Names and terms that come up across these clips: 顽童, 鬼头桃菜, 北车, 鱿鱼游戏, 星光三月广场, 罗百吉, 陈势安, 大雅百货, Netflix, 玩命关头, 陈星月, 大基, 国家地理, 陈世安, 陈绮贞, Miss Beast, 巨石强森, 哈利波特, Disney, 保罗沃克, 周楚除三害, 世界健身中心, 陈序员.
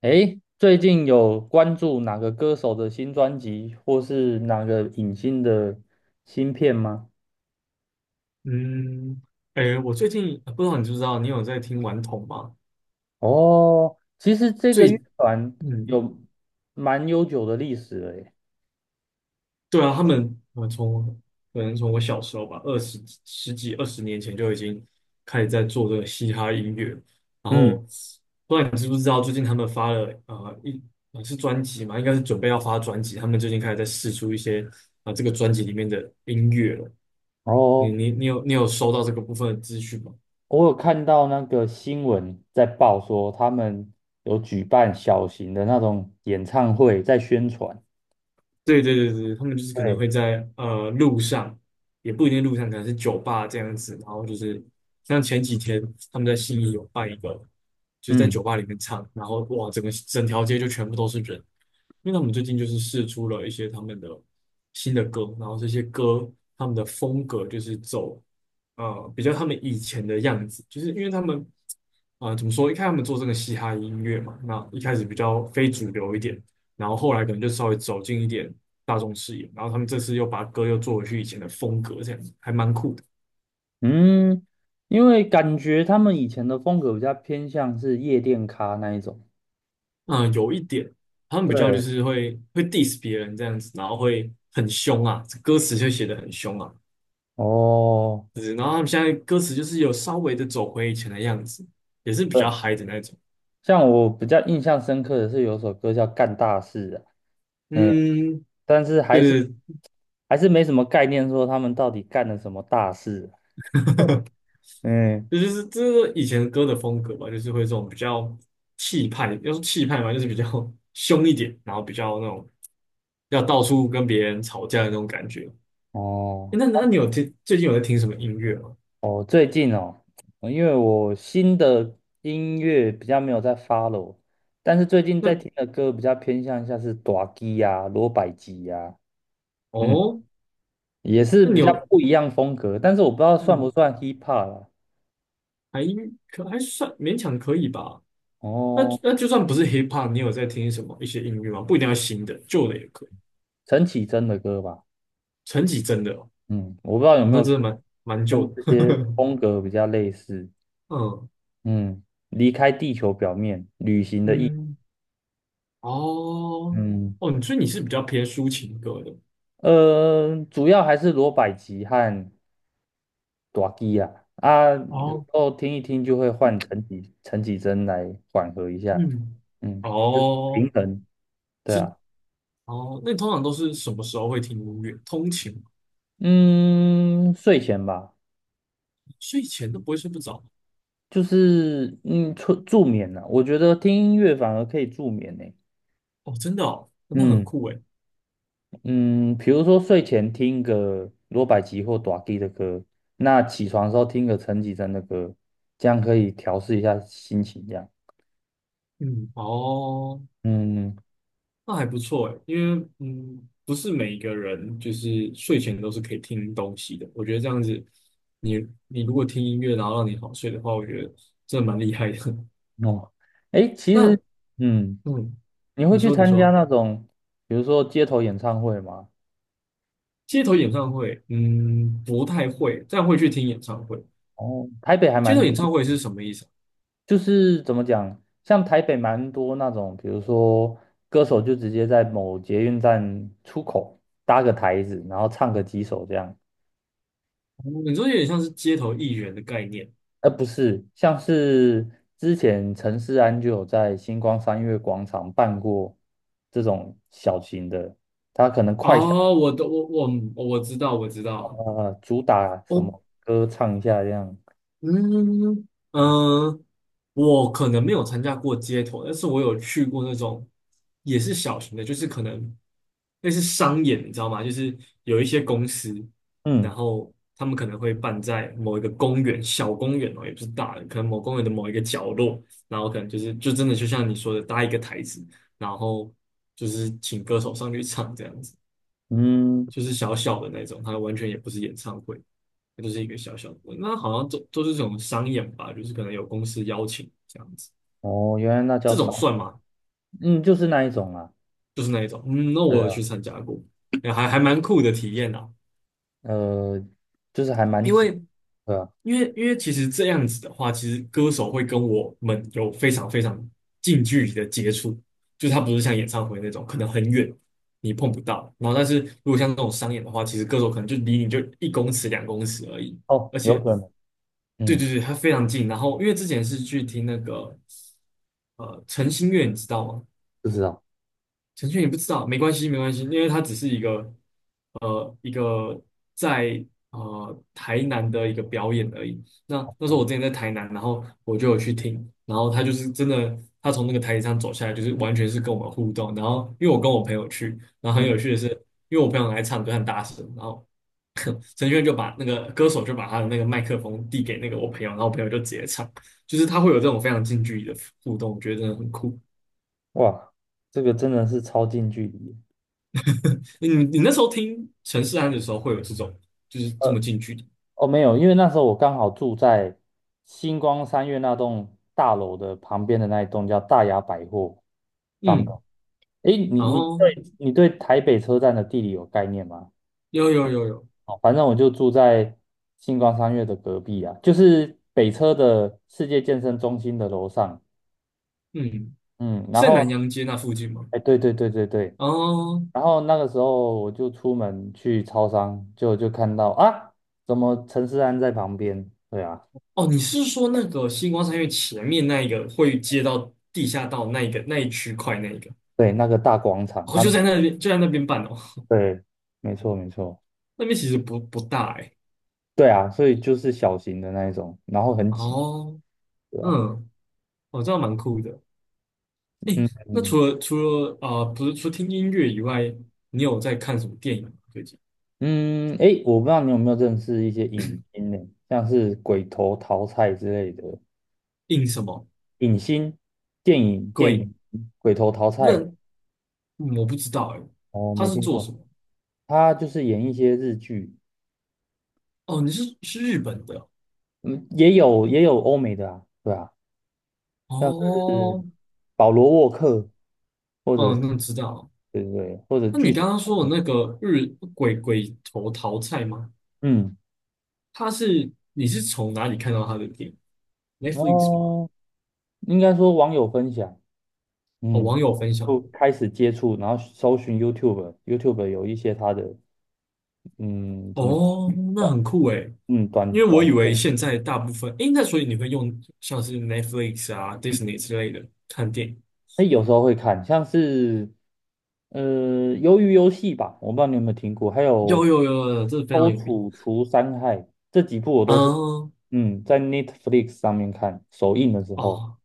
诶，最近有关注哪个歌手的新专辑，或是哪个影星的新片吗？嗯，哎，我最近不知道你知不知道，你有在听顽童吗？哦，其实这个乐最，团嗯，有蛮悠久的历史了耶。对啊，我可能从我小时候吧，十几二十年前就已经开始在做这个嘻哈音乐，然后嗯，不知道你知不知道，最近他们发了呃一呃是专辑嘛，应该是准备要发专辑，他们最近开始在试出一些这个专辑里面的音乐了。你哦，你你有你有收到这个部分的资讯吗？我有看到那个新闻在报说，他们有举办小型的那种演唱会，在宣传。对对对对，他们就是可能对，会在路上，也不一定路上，可能是酒吧这样子，然后就是像前几天他们在信义有办一个，就是在嗯酒吧里面唱，然后哇，整条街就全部都是人，因为他们最近就是试出了一些他们的新的歌，然后这些歌他们的风格就是走比较他们以前的样子，就是因为他们怎么说，一开始他们做这个嘻哈音乐嘛，那一开始比较非主流一点。然后后来可能就稍微走进一点大众视野，然后他们这次又把歌又做回去以前的风格，这样子还蛮酷的。嗯，因为感觉他们以前的风格比较偏向是夜店咖那一种。嗯，有一点他们比较就对，是会 diss 别人这样子，然后会很凶啊，歌词就写的很凶啊，哦，就是然后他们现在歌词就是有稍微的走回以前的样子，也是比较呃嗨的那种。像我比较印象深刻的是有首歌叫《干大事》啊。嗯，嗯，但是还是对对，还是没什么概念，说他们到底干了什么大事啊。嗯，这是以前歌的风格吧，就是会这种比较气派，要说气派嘛，就是比较 凶一点，然后比较那种要到处跟别人吵架的那种感觉。诶哦那你最近有在听什么音乐吗？哦，最近哦，因为我新的音乐比较没有在发 o, 但是最近在那听的歌比较偏向像是大基呀、罗百吉呀。嗯，哦，也是那比你较有不一样风格，但是我不知道算不嗯，算 hip hop 啦。还还算勉强可以吧？那哦，那就算不是 hip hop，你有在听什么一些音乐吗？不一定要新的，旧的也可以。陈绮贞的歌吧。陈绮贞的哦，嗯，我不知道有哦没那有真的蛮旧跟这的。些风格比较类似。嗯嗯，离开地球表面。嗯，哦，嗯，哦，所以你是比较偏抒情歌的主要还是罗百吉和大基啊。啊，有时哦，候听一听就会换陈绮贞来缓和一下。嗯，嗯，平哦，衡，对是啊。哦，那你通常都是什么时候会听音乐？通勤吗？嗯，睡前吧，睡前都不会睡不着？就是助眠啊，我觉得听音乐反而可以助眠呢。哦，真的哦，那很嗯。酷诶。嗯，比如说睡前听个罗百吉或短 K 的歌，那起床的时候听个陈绮贞的歌，这样可以调试一下心情。这样，嗯哦，嗯，那还不错诶，因为不是每一个人就是睡前都是可以听东西的。我觉得这样子，你你如果听音乐然后让你好睡的话，我觉得真的蛮厉害的。哦。哎，其实，那嗯，嗯，你会你去说你参加说，那种，比如说街头演唱会吗？街头演唱会，不太会，但会去听演唱会。哦，台北还街头蛮多演唱的。会是什么意思啊？就是怎么讲，像台北蛮多那种，比如说歌手就直接在某捷运站出口搭个台子，然后唱个几首这样。哦，你说有点像是街头艺人的概念。呃，不是，像是之前陈世安就有在星光三月广场办过这种小型的，他可能快闪哦，我知道我知道，啊、主打什哦，么歌唱一下这样。嗯嗯，我可能没有参加过街头，但是我有去过那种也是小型的，就是可能类似商演，你知道吗？就是有一些公司，然嗯后他们可能会办在某一个公园，小公园哦，也不是大的，可能某公园的某一个角落，然后可能就是就真的就像你说的搭一个台子，然后就是请歌手上去唱这样子，嗯，就是小小的那种，它完全也不是演唱会，它就是一个小小的，那好像都是这种商演吧，就是可能有公司邀请这样子。哦，原来那叫这啥？种算吗？嗯，就是那一种啊。就是那一种，嗯，那我对有啊，去参加过，哎还蛮酷的体验啊。呃，就是还蛮因紧，为对啊。因为其实这样子的话，其实歌手会跟我们有非常非常近距离的接触，就是他不是像演唱会那种可能很远你碰不到，然后但是如果像这种商演的话，其实歌手可能就离你就1公尺2公尺而已，哦，而有且可能。对对嗯，对，他非常近。然后因为之前是去听那个陈星月，你知道吗？不知道。陈序员你不知道，没关系，没关系，因为它只是一个呃一个在台南的一个表演而已。那那时候我之前在台南，然后我就有去听，然后他就是真的，他从那个台阶上走下来，就是完全是跟我们互动。然后因为我跟我朋友去，然后很嗯，有趣的是，因为我朋友来唱歌很大声，然后 陈序员就把他的那个麦克风递给那个我朋友，然后我朋友就直接唱，就是他会有这种非常近距离的互动，我觉得真的很酷。哇，这个真的是超近距离。你那时候听陈势安的时候，会有这种就是这么呃。近距离，哦，没有，因为那时候我刚好住在星光三月那栋大楼的旁边的那一栋叫大雅百货上面。嗯，诶，你然你后对你对台北车站的地理有概念吗？有有有有，哦，反正我就住在星光三月的隔壁啊，就是北车的世界健身中心的楼上。嗯，嗯，然是在南后洋街那附近吗？哎，对对对对对。哦然后那个时候我就出门去超商，就看到啊，怎么陈思安在旁边？对啊。哦，你是说那个星光三月前面那一个会接到地下道那一个那一区块那一个？对，那个大广场，哦，他就们。在那边就在那边办哦，对，没错没错。那边其实不大哎、对啊，所以就是小型的那一种，然后很挤，哦，对吧？嗯，哦，这样蛮酷的。嗯那嗯除了不是除了听音乐以外，你有在看什么电影吗？最近？嗯。诶，我不知道你有没有认识一些影星呢，像是鬼头桃菜之类的印什么影星，电影电鬼？影鬼头桃那菜。我不知道哎，哦，他没是听做什过，么？他就是演一些日剧。哦，你是日本的嗯，也有欧美的啊，对啊，像是哦，保罗沃克，或者哦，是那知道了。对对对，或者那巨你石刚刚强说的森。那个鬼头桃菜吗？嗯，你是从哪里看到他的电影？Netflix 吗？哦，应该说网友分享。哦，嗯，网友分享就的。开始接触，然后搜寻 YouTube，YouTube 有一些它的，嗯，怎么讲，哦，那短，很酷哎，嗯，短因为短我以为片，现在大部分，诶，那所以你会用像是 Netflix 啊、Disney 之类的看电影？那有时候会看，像是，鱿鱼游戏吧，我不知道你有没有听过，还有有有有有，这非周常有名。楚除三害，这几部我都是，嗯，嗯，在 Netflix 上面看，首映的时候，哦，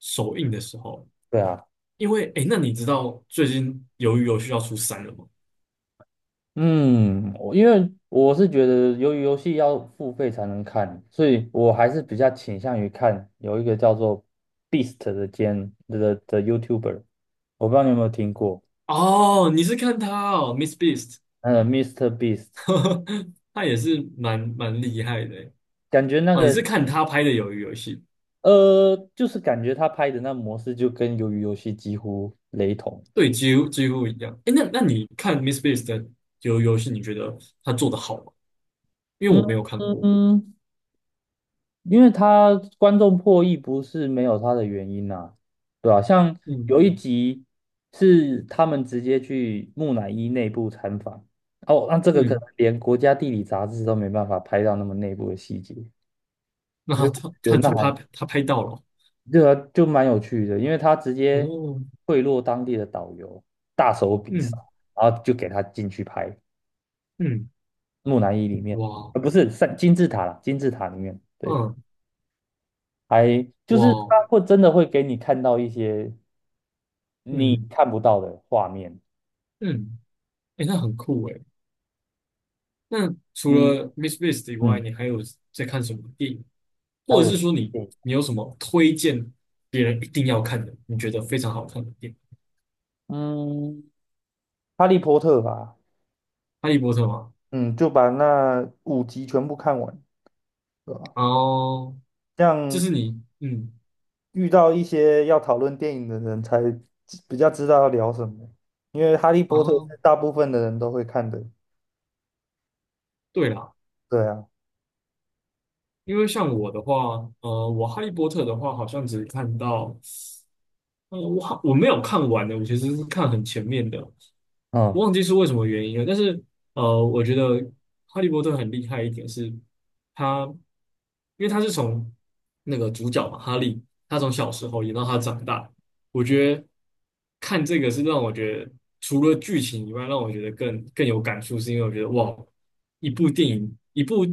首映的时候。对啊。因为诶，那你知道最近《鱿鱼游戏》要出三了吗？嗯，因为我是觉得，由于游戏要付费才能看，所以我还是比较倾向于看有一个叫做 Beast 的的 YouTuber,我不知道你有没有听过。哦，你是看他哦，Miss Beast，Mr. i s t e Beast,他也是蛮厉害的诶感觉那哦，你个是看他拍的《鱿鱼游戏》？就是感觉他拍的那模式就跟鱿鱼游戏几乎雷同。对，几乎几乎一样。诶，那你看 Miss Beast 的《鱿鱼游戏》，你觉得他做的好吗？因为嗯我没有看嗯过。嗯，因为他观众破亿不是没有他的原因呐，啊对吧。像有嗯一集是他们直接去木乃伊内部参访，哦，那这个可能嗯，连国家地理杂志都没办法拍到那么内部的细节，那他就他他原来。他拍他拍到了对啊，就蛮有趣的，因为他直接哦。贿赂当地的导游，大手笔杀，嗯然后就给他进去拍嗯，木乃伊里面，哇，不是三金字塔啦，金字塔里面，对。嗯还就哇，是他会真的会给你看到一些你嗯看不到的画面。嗯，诶，那很酷诶。那除嗯了 Miss BIST 以外，嗯，你还有在看什么电影，还或者是有说你对。你有什么推荐别人一定要看的，你觉得非常好看的电影？嗯，哈利波特吧。哈利波特吗？嗯，就把那5集全部看完，对吧？哦，这这样是你，嗯，遇到一些要讨论电影的人才比较知道要聊什么，因为哈利啊，波特是大部分的人都会看的，对啦，对啊。因为像我的话，我哈利波特的话，好像只看到，我没有看完的，我其实是看很前面的，嗯，我忘记是为什么原因了，但是我觉得哈利波特很厉害一点是他，因为他是从那个主角嘛，哈利，他从小时候演到他长大，我觉得看这个是让我觉得除了剧情以外，让我觉得更有感触，是因为我觉得哇，一部电影，一部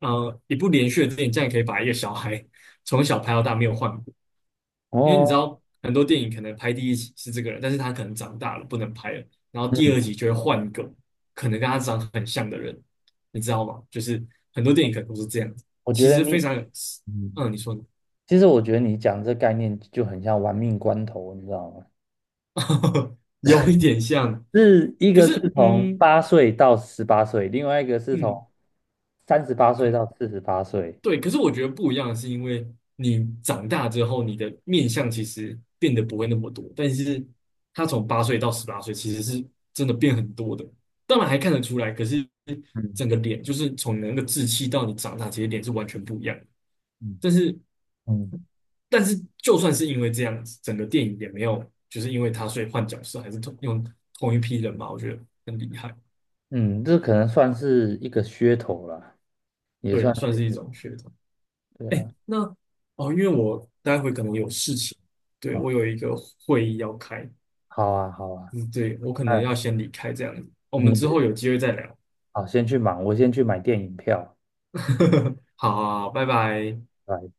呃一部连续的电影，这样可以把一个小孩从小拍到大没有换。因为你哦，知道很多电影可能拍第一集是这个人，但是他可能长大了不能拍了，然后第二嗯，集就会换一个可能跟他长很像的人，你知道吗？就是很多电影可能都是这样子，我觉其得实非你，常有，嗯，嗯，你说呢？其实我觉得你讲这概念就很像玩命关头，你知道吗？有一点像，是一可个是是从嗯八岁到十八岁，另外一个是从嗯。38岁到可。48岁。对，可是我觉得不一样，是因为你长大之后，你的面相其实变得不会那么多，但是他从八岁到18岁，其实是真的变很多的。当然还看得出来，可是嗯整个脸就是从你的那个稚气到你长大，其实脸是完全不一样的。嗯，但是，嗯但是就算是因为这样子，整个电影也没有就是因为他所以换角色，还是同一批人嘛，我觉得很厉害。嗯，这可能算是一个噱头啦，也对啊，算算是一是种噱头。对哎，啊。那哦，因为我待会可能有事情，对，哦，我有一个会议要开，好啊，好啊，嗯，对，我可能要那先离开这样子，我们你之就后有机会再聊。好，先去忙，我先去买电影票。好好好，拜拜。拜拜。